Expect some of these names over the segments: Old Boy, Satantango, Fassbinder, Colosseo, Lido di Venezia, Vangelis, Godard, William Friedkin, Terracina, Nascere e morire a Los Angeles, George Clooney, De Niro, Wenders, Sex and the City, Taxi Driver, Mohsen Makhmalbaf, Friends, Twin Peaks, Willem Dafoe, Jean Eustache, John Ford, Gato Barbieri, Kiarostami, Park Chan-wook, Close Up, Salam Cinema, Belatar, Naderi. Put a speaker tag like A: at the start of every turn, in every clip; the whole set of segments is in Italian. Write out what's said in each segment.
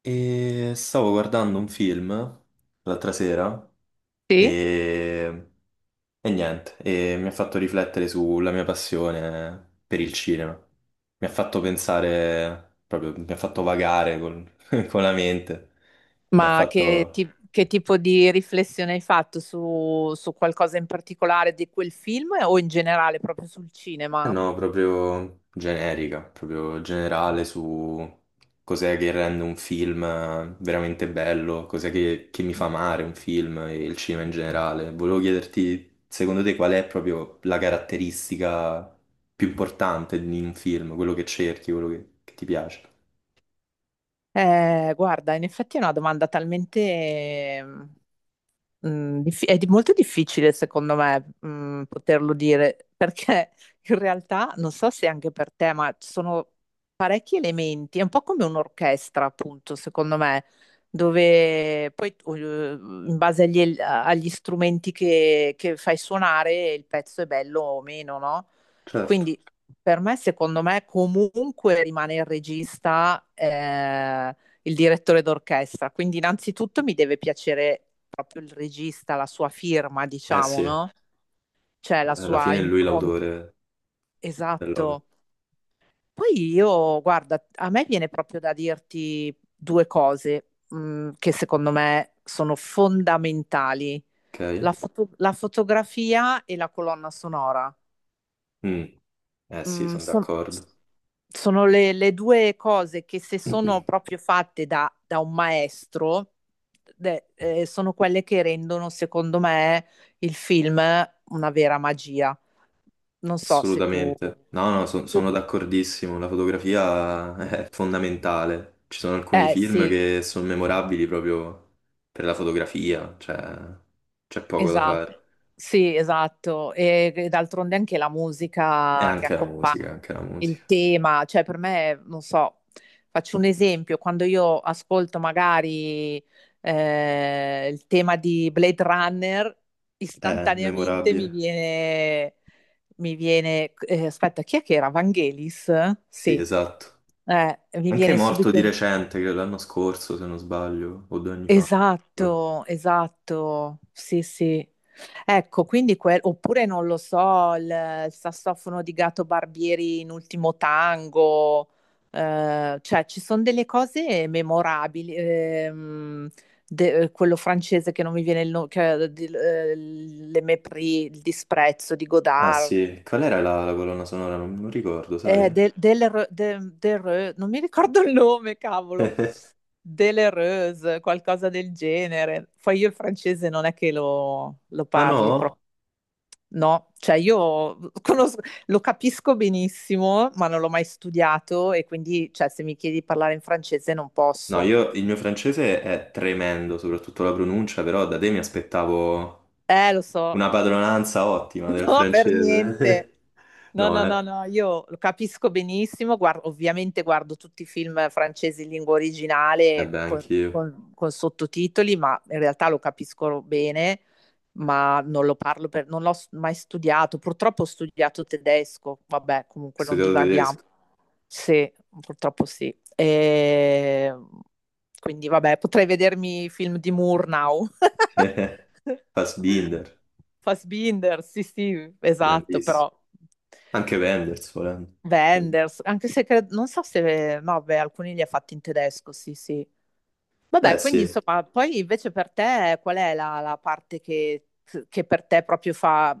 A: E stavo guardando un film l'altra sera
B: Sì,
A: e, e niente, e mi ha fatto riflettere sulla mia passione per il cinema. Mi ha fatto pensare, proprio, mi ha fatto vagare col- con la mente, mi ha
B: ma che,
A: fatto
B: che tipo di riflessione hai fatto su qualcosa in particolare di quel film o in generale proprio sul
A: Eh
B: cinema?
A: no, proprio generica, proprio generale su cos'è che rende un film veramente bello, cos'è che mi fa amare un film e il cinema in generale. Volevo chiederti, secondo te, qual è proprio la caratteristica più importante di un film, quello che cerchi, quello che ti piace?
B: Guarda, in effetti è una domanda talmente, molto difficile secondo me, poterlo dire, perché in realtà non so se anche per te, ma ci sono parecchi elementi, è un po' come un'orchestra, appunto, secondo me, dove poi in base agli strumenti che fai suonare il pezzo è bello o meno, no?
A: Certo.
B: Quindi per me, secondo me, comunque rimane il regista, il direttore d'orchestra. Quindi, innanzitutto mi deve piacere proprio il regista, la sua firma,
A: Eh
B: diciamo,
A: sì,
B: no? Cioè la
A: alla
B: sua
A: fine è lui
B: impronta.
A: l'autore dell'opera,
B: Esatto. Poi io, guarda, a me viene proprio da dirti due cose, che secondo me sono fondamentali. La
A: ok?
B: foto- la fotografia e la colonna sonora.
A: Mm, eh sì,
B: Mm,
A: sono
B: son-
A: d'accordo.
B: Sono le due cose che se sono proprio fatte da un maestro, sono quelle che rendono, secondo me, il film una vera magia. Non so se tu...
A: Assolutamente. No, no,
B: tu-
A: sono d'accordissimo. La fotografia è fondamentale. Ci sono alcuni
B: Eh
A: film
B: sì.
A: che sono memorabili proprio per la fotografia, cioè c'è poco da
B: Esatto,
A: fare.
B: sì, esatto. E d'altronde anche la
A: E
B: musica che
A: anche la
B: accompagna
A: musica, anche la
B: il
A: musica.
B: tema, cioè per me, non so, faccio un esempio, quando io ascolto magari il tema di Blade Runner,
A: È
B: istantaneamente mi
A: memorabile.
B: viene, aspetta, chi è che era? Vangelis?
A: Sì,
B: Sì.
A: esatto.
B: Mi
A: Anche è
B: viene
A: morto di
B: subito.
A: recente, credo l'anno scorso, se non sbaglio, o due anni fa.
B: Esatto, esatto, sì, sì. Ecco, quindi oppure non lo so, il sassofono di Gato Barbieri in Ultimo Tango, cioè ci sono delle cose memorabili, quello francese che non mi viene il nome, Le Mépris, il disprezzo di
A: Ah
B: Godard,
A: sì, qual era la colonna sonora? Non ricordo, sai?
B: del, del, Re- de- del Re- non mi ricordo il nome, cavolo, delle Reuse, qualcosa del genere. Poi io il francese non è che lo
A: Ah
B: parli.
A: no?
B: No, cioè io lo capisco benissimo, ma non l'ho mai studiato e quindi, cioè, se mi chiedi di parlare in francese non
A: No,
B: posso.
A: io il mio francese è tremendo, soprattutto la pronuncia, però da te mi aspettavo
B: Lo so,
A: una padronanza ottima del
B: no, per
A: francese.
B: niente. No,
A: No,
B: no, no,
A: eh?
B: no, io lo capisco benissimo, ovviamente guardo tutti i film francesi in lingua
A: Eh
B: originale
A: beh,
B: con,
A: anch'io. Ho
B: con- con sottotitoli, ma in realtà lo capisco bene, ma non lo parlo per, non l'ho mai studiato. Purtroppo ho studiato tedesco, vabbè, comunque non
A: studiato
B: divaghiamo.
A: tedesco.
B: Sì, purtroppo sì. E... Quindi vabbè, potrei vedermi i film di Moore now.
A: Fassbinder,
B: Fassbinder, sì, sì, esatto,
A: grandissimo.
B: però
A: Anche Wenders, volendo.
B: Wenders, anche se non so se, no, beh, alcuni li ha fatti in tedesco, sì, sì.
A: Eh
B: Vabbè, quindi
A: sì.
B: insomma, poi invece per te qual è la parte che per te proprio fa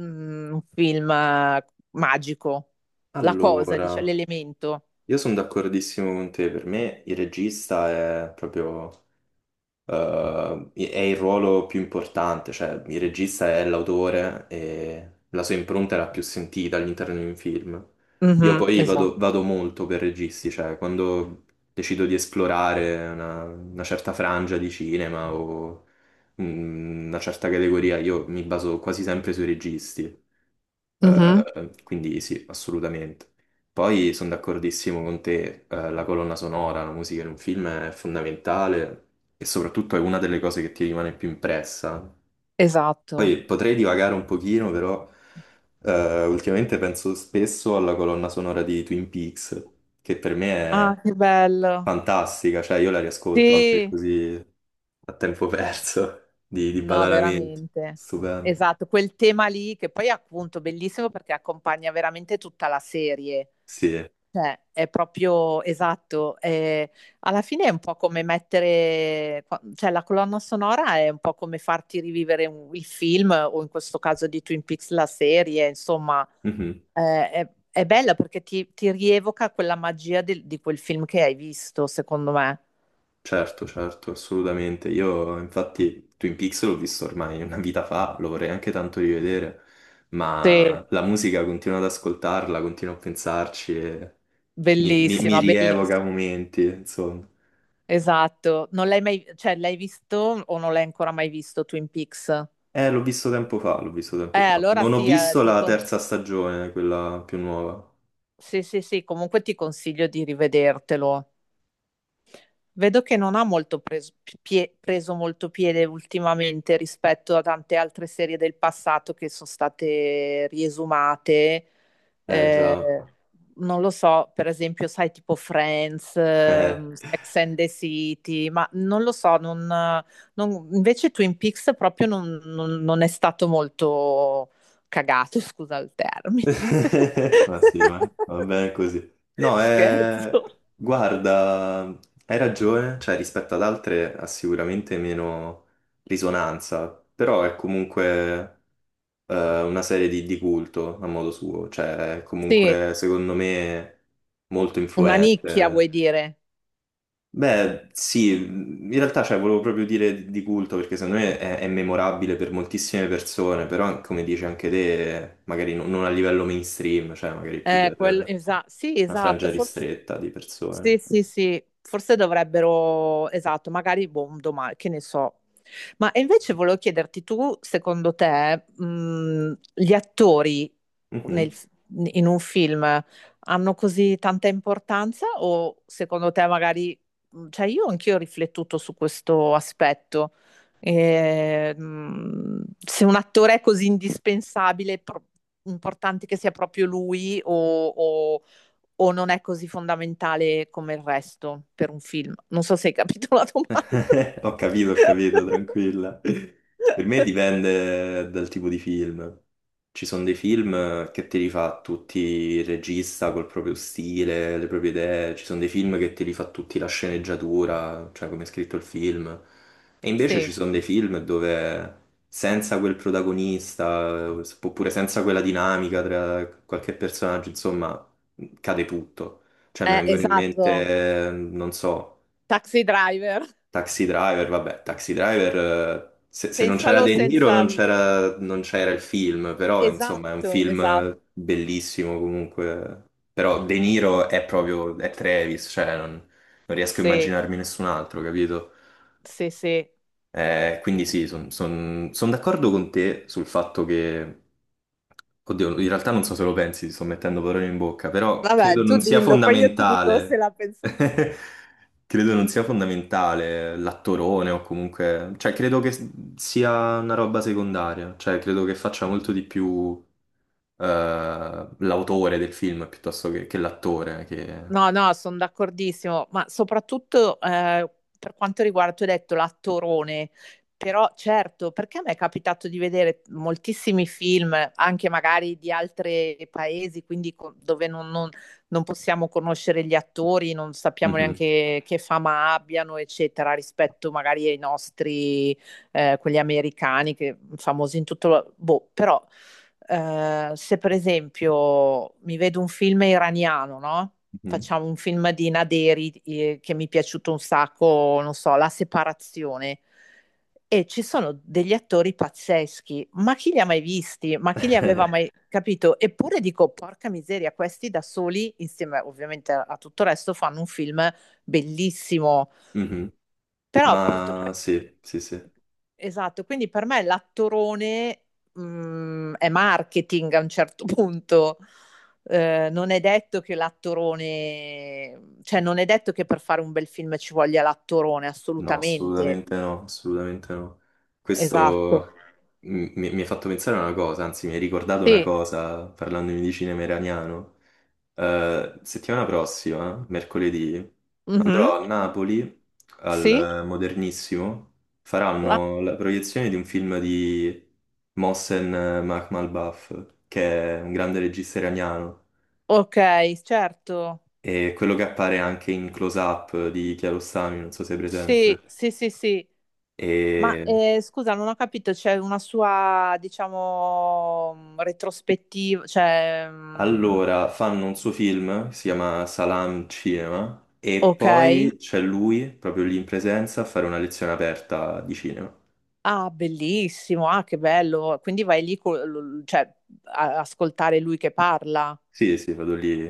B: un film magico? La cosa,
A: Allora,
B: diciamo, l'elemento.
A: io sono d'accordissimo con te. Per me il regista è proprio è il ruolo più importante, cioè il regista è l'autore e la sua impronta è la più sentita all'interno di un film. Io
B: Mhm,
A: poi
B: esatto.
A: vado molto per registi, cioè quando decido di esplorare una certa frangia di cinema o una certa categoria, io mi baso quasi sempre sui registi.
B: Mhm.
A: Quindi sì, assolutamente. Poi sono d'accordissimo con te, la colonna sonora, la musica in un film è fondamentale e soprattutto è una delle cose che ti rimane più impressa.
B: Esatto.
A: Poi potrei divagare un pochino, però ultimamente penso spesso alla colonna sonora di Twin Peaks, che per me
B: Ah,
A: è
B: che bello.
A: fantastica, cioè io la riascolto anche
B: Sì,
A: così a tempo
B: da-
A: perso, di
B: no,
A: Badalamenti.
B: veramente.
A: Stupendo.
B: Esatto, quel tema lì che poi è appunto bellissimo perché accompagna veramente tutta la serie.
A: Sì.
B: Cioè, è proprio esatto. Alla fine è un po' come mettere, cioè la colonna sonora è un po' come farti rivivere il film o in questo caso di Twin Peaks la serie, insomma,
A: Mhm.
B: è bella perché ti rievoca quella magia di quel film che hai visto, secondo me.
A: Certo, certo, assolutamente. Io infatti Twin Peaks l'ho visto ormai una vita fa, lo vorrei anche tanto rivedere,
B: Sì,
A: ma la musica continuo ad ascoltarla, continuo a pensarci e mi
B: Bellissima, belliss
A: rievoca momenti, insomma.
B: esatto. Non l'hai mai, cioè, l'hai visto o non l'hai ancora mai visto Twin Peaks?
A: L'ho visto tempo fa, l'ho visto
B: Eh,
A: tempo fa.
B: allora
A: Non ho
B: sì,
A: visto la terza stagione, quella più nuova.
B: sì, sì, sì, comunque ti consiglio di rivedertelo. Vedo che non ha molto preso molto piede ultimamente rispetto a tante altre serie del passato che sono state riesumate.
A: Eh già,
B: Eh, non lo so, per esempio, sai, tipo Friends,
A: eh.
B: Sex and the City, ma non lo so, invece Twin Peaks proprio non è stato molto cagato, scusa il termine.
A: Ma sì, ma va bene così. No,
B: Scherzo.
A: guarda, hai ragione, cioè rispetto ad altre ha sicuramente meno risonanza, però è comunque una serie di culto a modo suo, cioè è
B: Sì,
A: comunque secondo me molto
B: una nicchia,
A: influente.
B: vuoi dire?
A: Beh, sì, in realtà cioè, volevo proprio dire di culto perché secondo me è memorabile per moltissime persone, però come dici anche te, magari non a livello mainstream, cioè magari più
B: Eh,
A: per
B: quello, sì,
A: una
B: esatto,
A: frangia
B: forse
A: ristretta di
B: sì,
A: persone.
B: sì, sì, forse dovrebbero, esatto, magari boh, domani, che ne so. Ma e invece volevo chiederti tu, secondo te, gli attori nel-
A: Mhm.
B: in un film hanno così tanta importanza o secondo te magari, cioè io anch'io ho riflettuto su questo aspetto. E, se un attore è così indispensabile, importante che sia proprio lui o... o non è così fondamentale come il resto per un film? Non so se hai capito la domanda.
A: Ho capito, tranquilla. Per me dipende dal tipo di film. Ci sono dei film che te li fa tutti il regista col proprio stile, le proprie idee, ci sono dei film che te li fa tutti la sceneggiatura, cioè come è scritto il film. E invece ci
B: Sì,
A: sono dei film dove senza quel protagonista, oppure senza quella dinamica tra qualche personaggio, insomma, cade tutto. Cioè mi
B: eh,
A: vengono in
B: esatto.
A: mente, non so.
B: Taxi Driver,
A: Taxi Driver, vabbè, Taxi Driver, se non c'era
B: pensalo
A: De Niro
B: senza...
A: non c'era il film, però insomma è un
B: Esatto, esatto,
A: film bellissimo comunque. Però De Niro è proprio, è Travis, cioè non riesco a
B: sì,
A: immaginarmi nessun altro, capito?
B: sì, sì.
A: Quindi sì, sono d'accordo con te sul fatto che oddio, in realtà non so se lo pensi, ti sto mettendo parole in bocca, però
B: Vabbè,
A: credo
B: tu
A: non sia
B: dillo, poi io ti dico se
A: fondamentale.
B: la penso anch'io.
A: Credo non sia fondamentale l'attorone o comunque, cioè credo che sia una roba secondaria, cioè credo che faccia molto di più eh, l'autore del film piuttosto che l'attore. Che...
B: No, no, sono d'accordissimo, ma soprattutto per quanto riguarda, tu hai detto l'attorone, però certo, perché a me è capitato di vedere moltissimi film, anche magari di altri paesi, quindi dove non possiamo conoscere gli attori, non sappiamo
A: Mhm,
B: neanche che fama abbiano, eccetera, rispetto magari ai nostri, quelli americani, che famosi in tutto... Boh, però se per esempio mi vedo un film iraniano, no?
A: mhm,
B: Facciamo un film di Naderi, che mi è piaciuto un sacco, non so, La separazione. E ci sono degli attori pazzeschi, ma chi li ha mai visti? Ma chi li aveva mai capito? Eppure dico, porca miseria, questi da soli, insieme ovviamente a tutto il resto, fanno un film bellissimo.
A: mhm.
B: Però appunto.
A: Ma sì, sì, sì.
B: Esatto, quindi per me l'attorone è marketing a un certo punto. Non è detto che l'attorone, cioè non è detto che per fare un bel film ci voglia l'attorone,
A: No,
B: assolutamente.
A: assolutamente no, assolutamente no.
B: Esatto.
A: Questo mi ha fatto pensare a una cosa, anzi mi hai ricordato una
B: Sì.
A: cosa parlandomi di cinema iraniano. Settimana prossima, mercoledì,
B: Mhm.
A: andrò a Napoli
B: Sì.
A: al Modernissimo,
B: Ah,
A: faranno la proiezione di un film di Mohsen Makhmalbaf, che è un grande regista iraniano,
B: ok, certo.
A: e quello che appare anche in Close Up di Kiarostami, non so se è
B: Sì,
A: presente.
B: sì, sì, sì. Ma
A: E
B: scusa, non ho capito, c'è una sua, diciamo, retrospettiva, cioè,
A: allora, fanno un suo film, si chiama Salam Cinema, e
B: ok.
A: poi c'è lui, proprio lì in presenza, a fare una lezione aperta di cinema.
B: Ah, bellissimo, ah, che bello. Quindi vai lì, cioè, a ascoltare lui che parla.
A: Sì, sì, vado lì,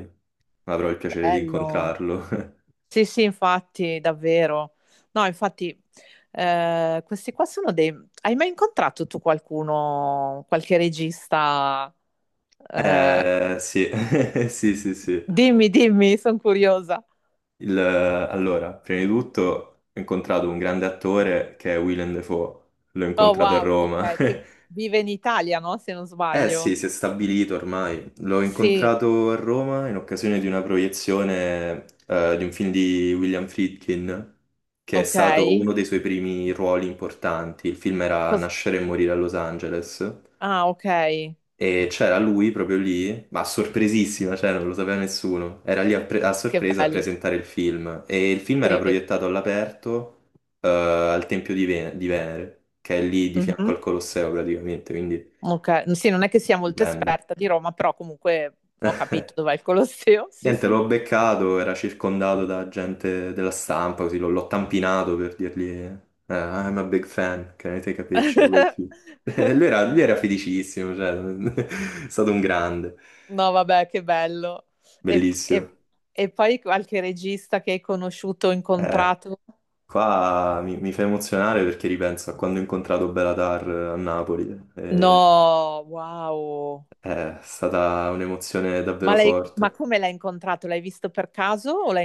A: avrò il piacere di
B: Bello.
A: incontrarlo.
B: Sì, sì, infatti, davvero. No, infatti, questi qua sono dei... Hai mai incontrato tu qualcuno, qualche regista? Eh,
A: Sì, sì, sì, sì.
B: dimmi, dimmi, sono curiosa.
A: Allora, prima di tutto ho incontrato un grande attore che è Willem Dafoe, l'ho
B: Oh,
A: incontrato a
B: wow,
A: Roma.
B: ok, che vive in Italia, no? Se non
A: Eh
B: sbaglio.
A: sì, si è stabilito ormai. L'ho
B: Sì,
A: incontrato a Roma in occasione di una proiezione di un film di William Friedkin, che è
B: ok.
A: stato uno dei suoi primi ruoli importanti. Il film era
B: Cos-
A: Nascere e morire a Los Angeles
B: ah, ok,
A: e c'era lui proprio lì, ma sorpresissima, cioè non lo sapeva nessuno. Era lì a, a
B: che
A: sorpresa a
B: bello.
A: presentare il film e il film era
B: Sì.
A: proiettato all'aperto al Tempio di, di Venere, che è lì di fianco
B: Mhm.
A: al Colosseo praticamente, quindi
B: Ok, sì, non è che sia molto
A: stupendo.
B: esperta di Roma, però comunque ho capito dov'è il Colosseo. Sì,
A: Niente,
B: sì.
A: l'ho beccato, era circondato da gente della stampa, così l'ho tampinato per dirgli I'm a big fan, can I take a picture with you? Lui era felicissimo, cioè, è stato un grande,
B: No, vabbè, che bello. E,
A: bellissimo.
B: e- e poi qualche regista che hai conosciuto,
A: Eh,
B: incontrato?
A: qua mi fa emozionare perché ripenso a quando ho incontrato Belatar a Napoli, eh,
B: No, wow.
A: è stata un'emozione davvero
B: Ma lei, ma
A: forte.
B: come l'hai incontrato? L'hai visto per caso o l'hai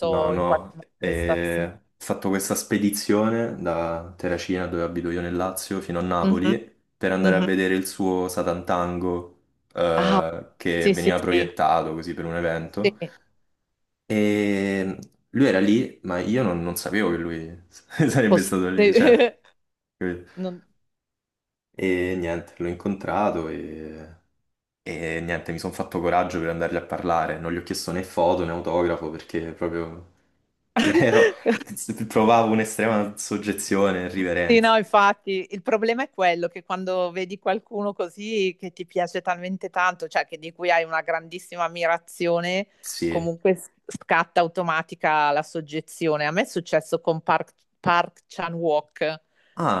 A: No,
B: in qualche
A: no,
B: manifestazione?
A: ho fatto questa spedizione da Terracina, dove abito io nel Lazio, fino a
B: Mhm,
A: Napoli, per andare a
B: mhm.
A: vedere il suo Satantango,
B: Ah,
A: che
B: sì, sì,
A: veniva
B: sì.
A: proiettato così per un
B: Sì,
A: evento. E lui era lì, ma io non sapevo che lui sarebbe stato lì, cioè,
B: Sì.
A: capito?
B: Non-
A: E niente, l'ho incontrato e niente, mi sono fatto coraggio per andargli a parlare. Non gli ho chiesto né foto né autografo perché proprio Ero- provavo un'estrema soggezione e
B: Sì,
A: riverenza.
B: no, infatti, il problema è quello che quando vedi qualcuno così che ti piace talmente tanto, cioè che di cui hai una grandissima ammirazione,
A: Sì.
B: comunque scatta automatica la soggezione. A me è successo con Park Chan-wook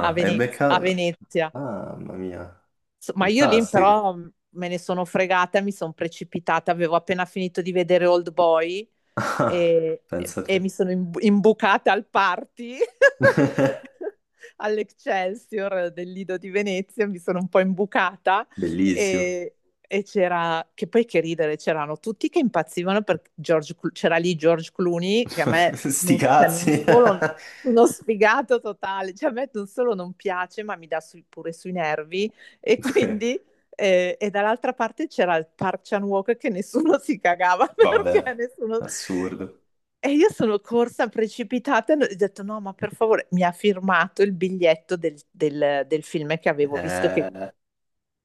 B: a
A: è beccato.
B: Venezia.
A: Ah, mamma mia,
B: Ma io lì
A: fantastico.
B: però me ne sono fregata, mi sono precipitata, avevo appena finito di vedere Old Boy
A: Ah,
B: e, e-
A: pensa a
B: e
A: te.
B: mi sono imbucata al party all'Excelsior del Lido di Venezia, mi sono un po' imbucata
A: Bellissimo.
B: e c'era, che poi che ridere, c'erano tutti che impazzivano per George, c'era lì George Clooney che a me
A: Sti
B: non, cioè, non
A: cazzi.
B: solo uno sfigato totale, cioè a me non solo non piace ma mi dà pure sui nervi, e quindi e dall'altra parte c'era il Parchan Walk che nessuno si cagava, perché
A: Vabbè,
B: nessuno...
A: assurdo.
B: E io sono corsa precipitata e ho detto no, ma per favore, mi ha firmato il biglietto del film che avevo visto, che
A: Eh,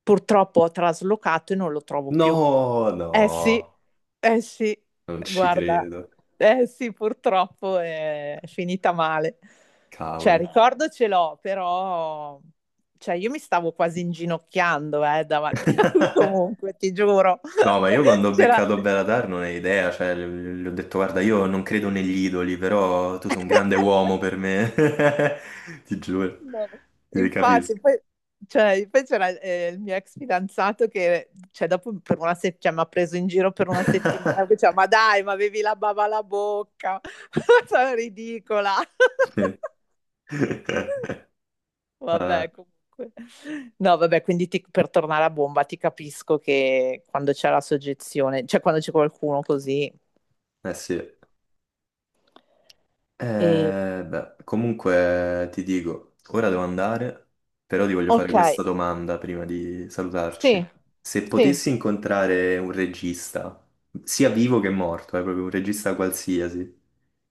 B: purtroppo ho traslocato e non lo trovo più.
A: no,
B: Eh sì,
A: no,
B: eh sì,
A: non ci
B: guarda,
A: credo.
B: eh sì, purtroppo è finita male. Cioè,
A: Cavoli.
B: ricordo ce l'ho, però, cioè, io mi stavo quasi inginocchiando, davanti a lui comunque, ti giuro.
A: No, ma io quando ho
B: C'era...
A: beccato Belatar non hai idea, cioè, gli ho detto guarda, io non credo negli idoli, però tu sei un grande uomo per me, ti giuro,
B: No,
A: ti
B: infatti,
A: capisco.
B: poi, cioè, poi c'era il mio ex fidanzato, che cioè, dopo per una cioè, mi ha preso in giro per una settimana, che diceva, ma dai, ma avevi la bava alla bocca, sono ridicola.
A: Sì. Eh,
B: Vabbè, comunque. No, vabbè, quindi per tornare a bomba ti capisco che quando c'è la soggezione, cioè quando c'è qualcuno così.
A: eh sì.
B: E...
A: Beh, comunque ti dico, ora devo andare, però ti voglio fare
B: Ok,
A: questa domanda prima di
B: sì,
A: salutarci. Se
B: sì.
A: potessi incontrare un regista, sia vivo che morto, proprio un regista qualsiasi,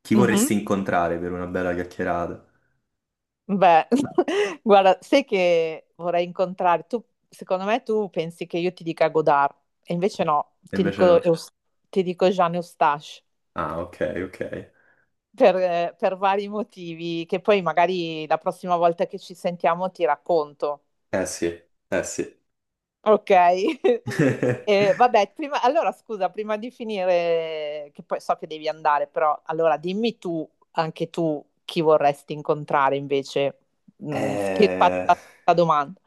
A: chi
B: Mhm.
A: vorresti incontrare per una bella chiacchierata?
B: Beh, guarda, sai che vorrei incontrare, tu, secondo me tu pensi che io ti dica Godard, e invece no,
A: E
B: ti
A: invece
B: dico,
A: no.
B: Jean Eustache,
A: Ah, ok, ok.
B: per vari motivi, che poi magari la prossima volta che ci sentiamo ti racconto,
A: Eh sì, eh sì.
B: ok? Vabbè, allora scusa, prima di finire, che poi so che devi andare, però allora dimmi tu, anche tu, chi vorresti incontrare invece. Ti faccio
A: Eh...
B: la domanda.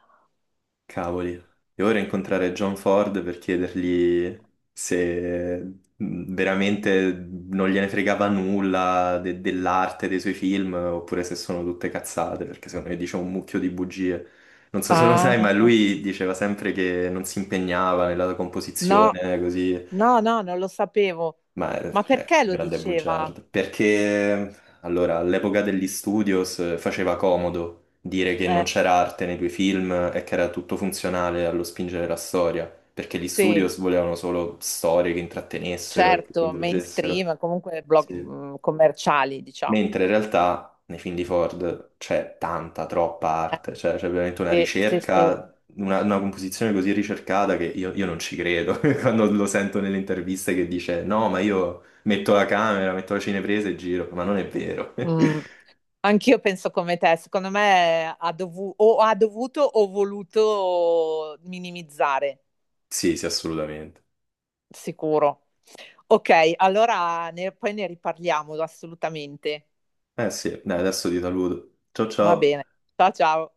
A: Cavoli, devo ora incontrare John Ford per chiedergli se veramente non gliene fregava nulla dell'arte dei suoi film oppure se sono tutte cazzate, perché secondo me dice un mucchio di bugie. Non so se lo
B: Ah,
A: sai, ma lui diceva sempre che non si impegnava nella
B: no,
A: composizione, così.
B: no, no, non lo sapevo.
A: Ma
B: Ma
A: è
B: perché lo
A: grande
B: diceva?
A: bugiardo, perché allora all'epoca degli studios faceva comodo dire che non
B: Eh,
A: c'era arte nei tuoi film e che era tutto funzionale allo spingere la storia, perché gli
B: sì,
A: studios volevano solo storie che intrattenessero e che
B: certo,
A: coinvolgessero.
B: mainstream, comunque blog,
A: Sì.
B: commerciali, diciamo.
A: Mentre in realtà nei film di Ford c'è tanta, troppa arte, cioè c'è veramente una
B: Eh, sì, sì, sì.
A: ricerca, una composizione così ricercata che io non ci credo quando lo sento nelle interviste che dice no, ma io metto la camera, metto la cinepresa e giro, ma non è vero.
B: Mm, Anch'io penso come te, secondo me ha dovu- o ha dovuto o voluto minimizzare,
A: Sì, sì, assolutamente.
B: sicuro. Ok, allora poi ne riparliamo assolutamente.
A: Eh sì, dai, adesso ti saluto. Ciao
B: Va
A: ciao.
B: bene. Ciao, ciao.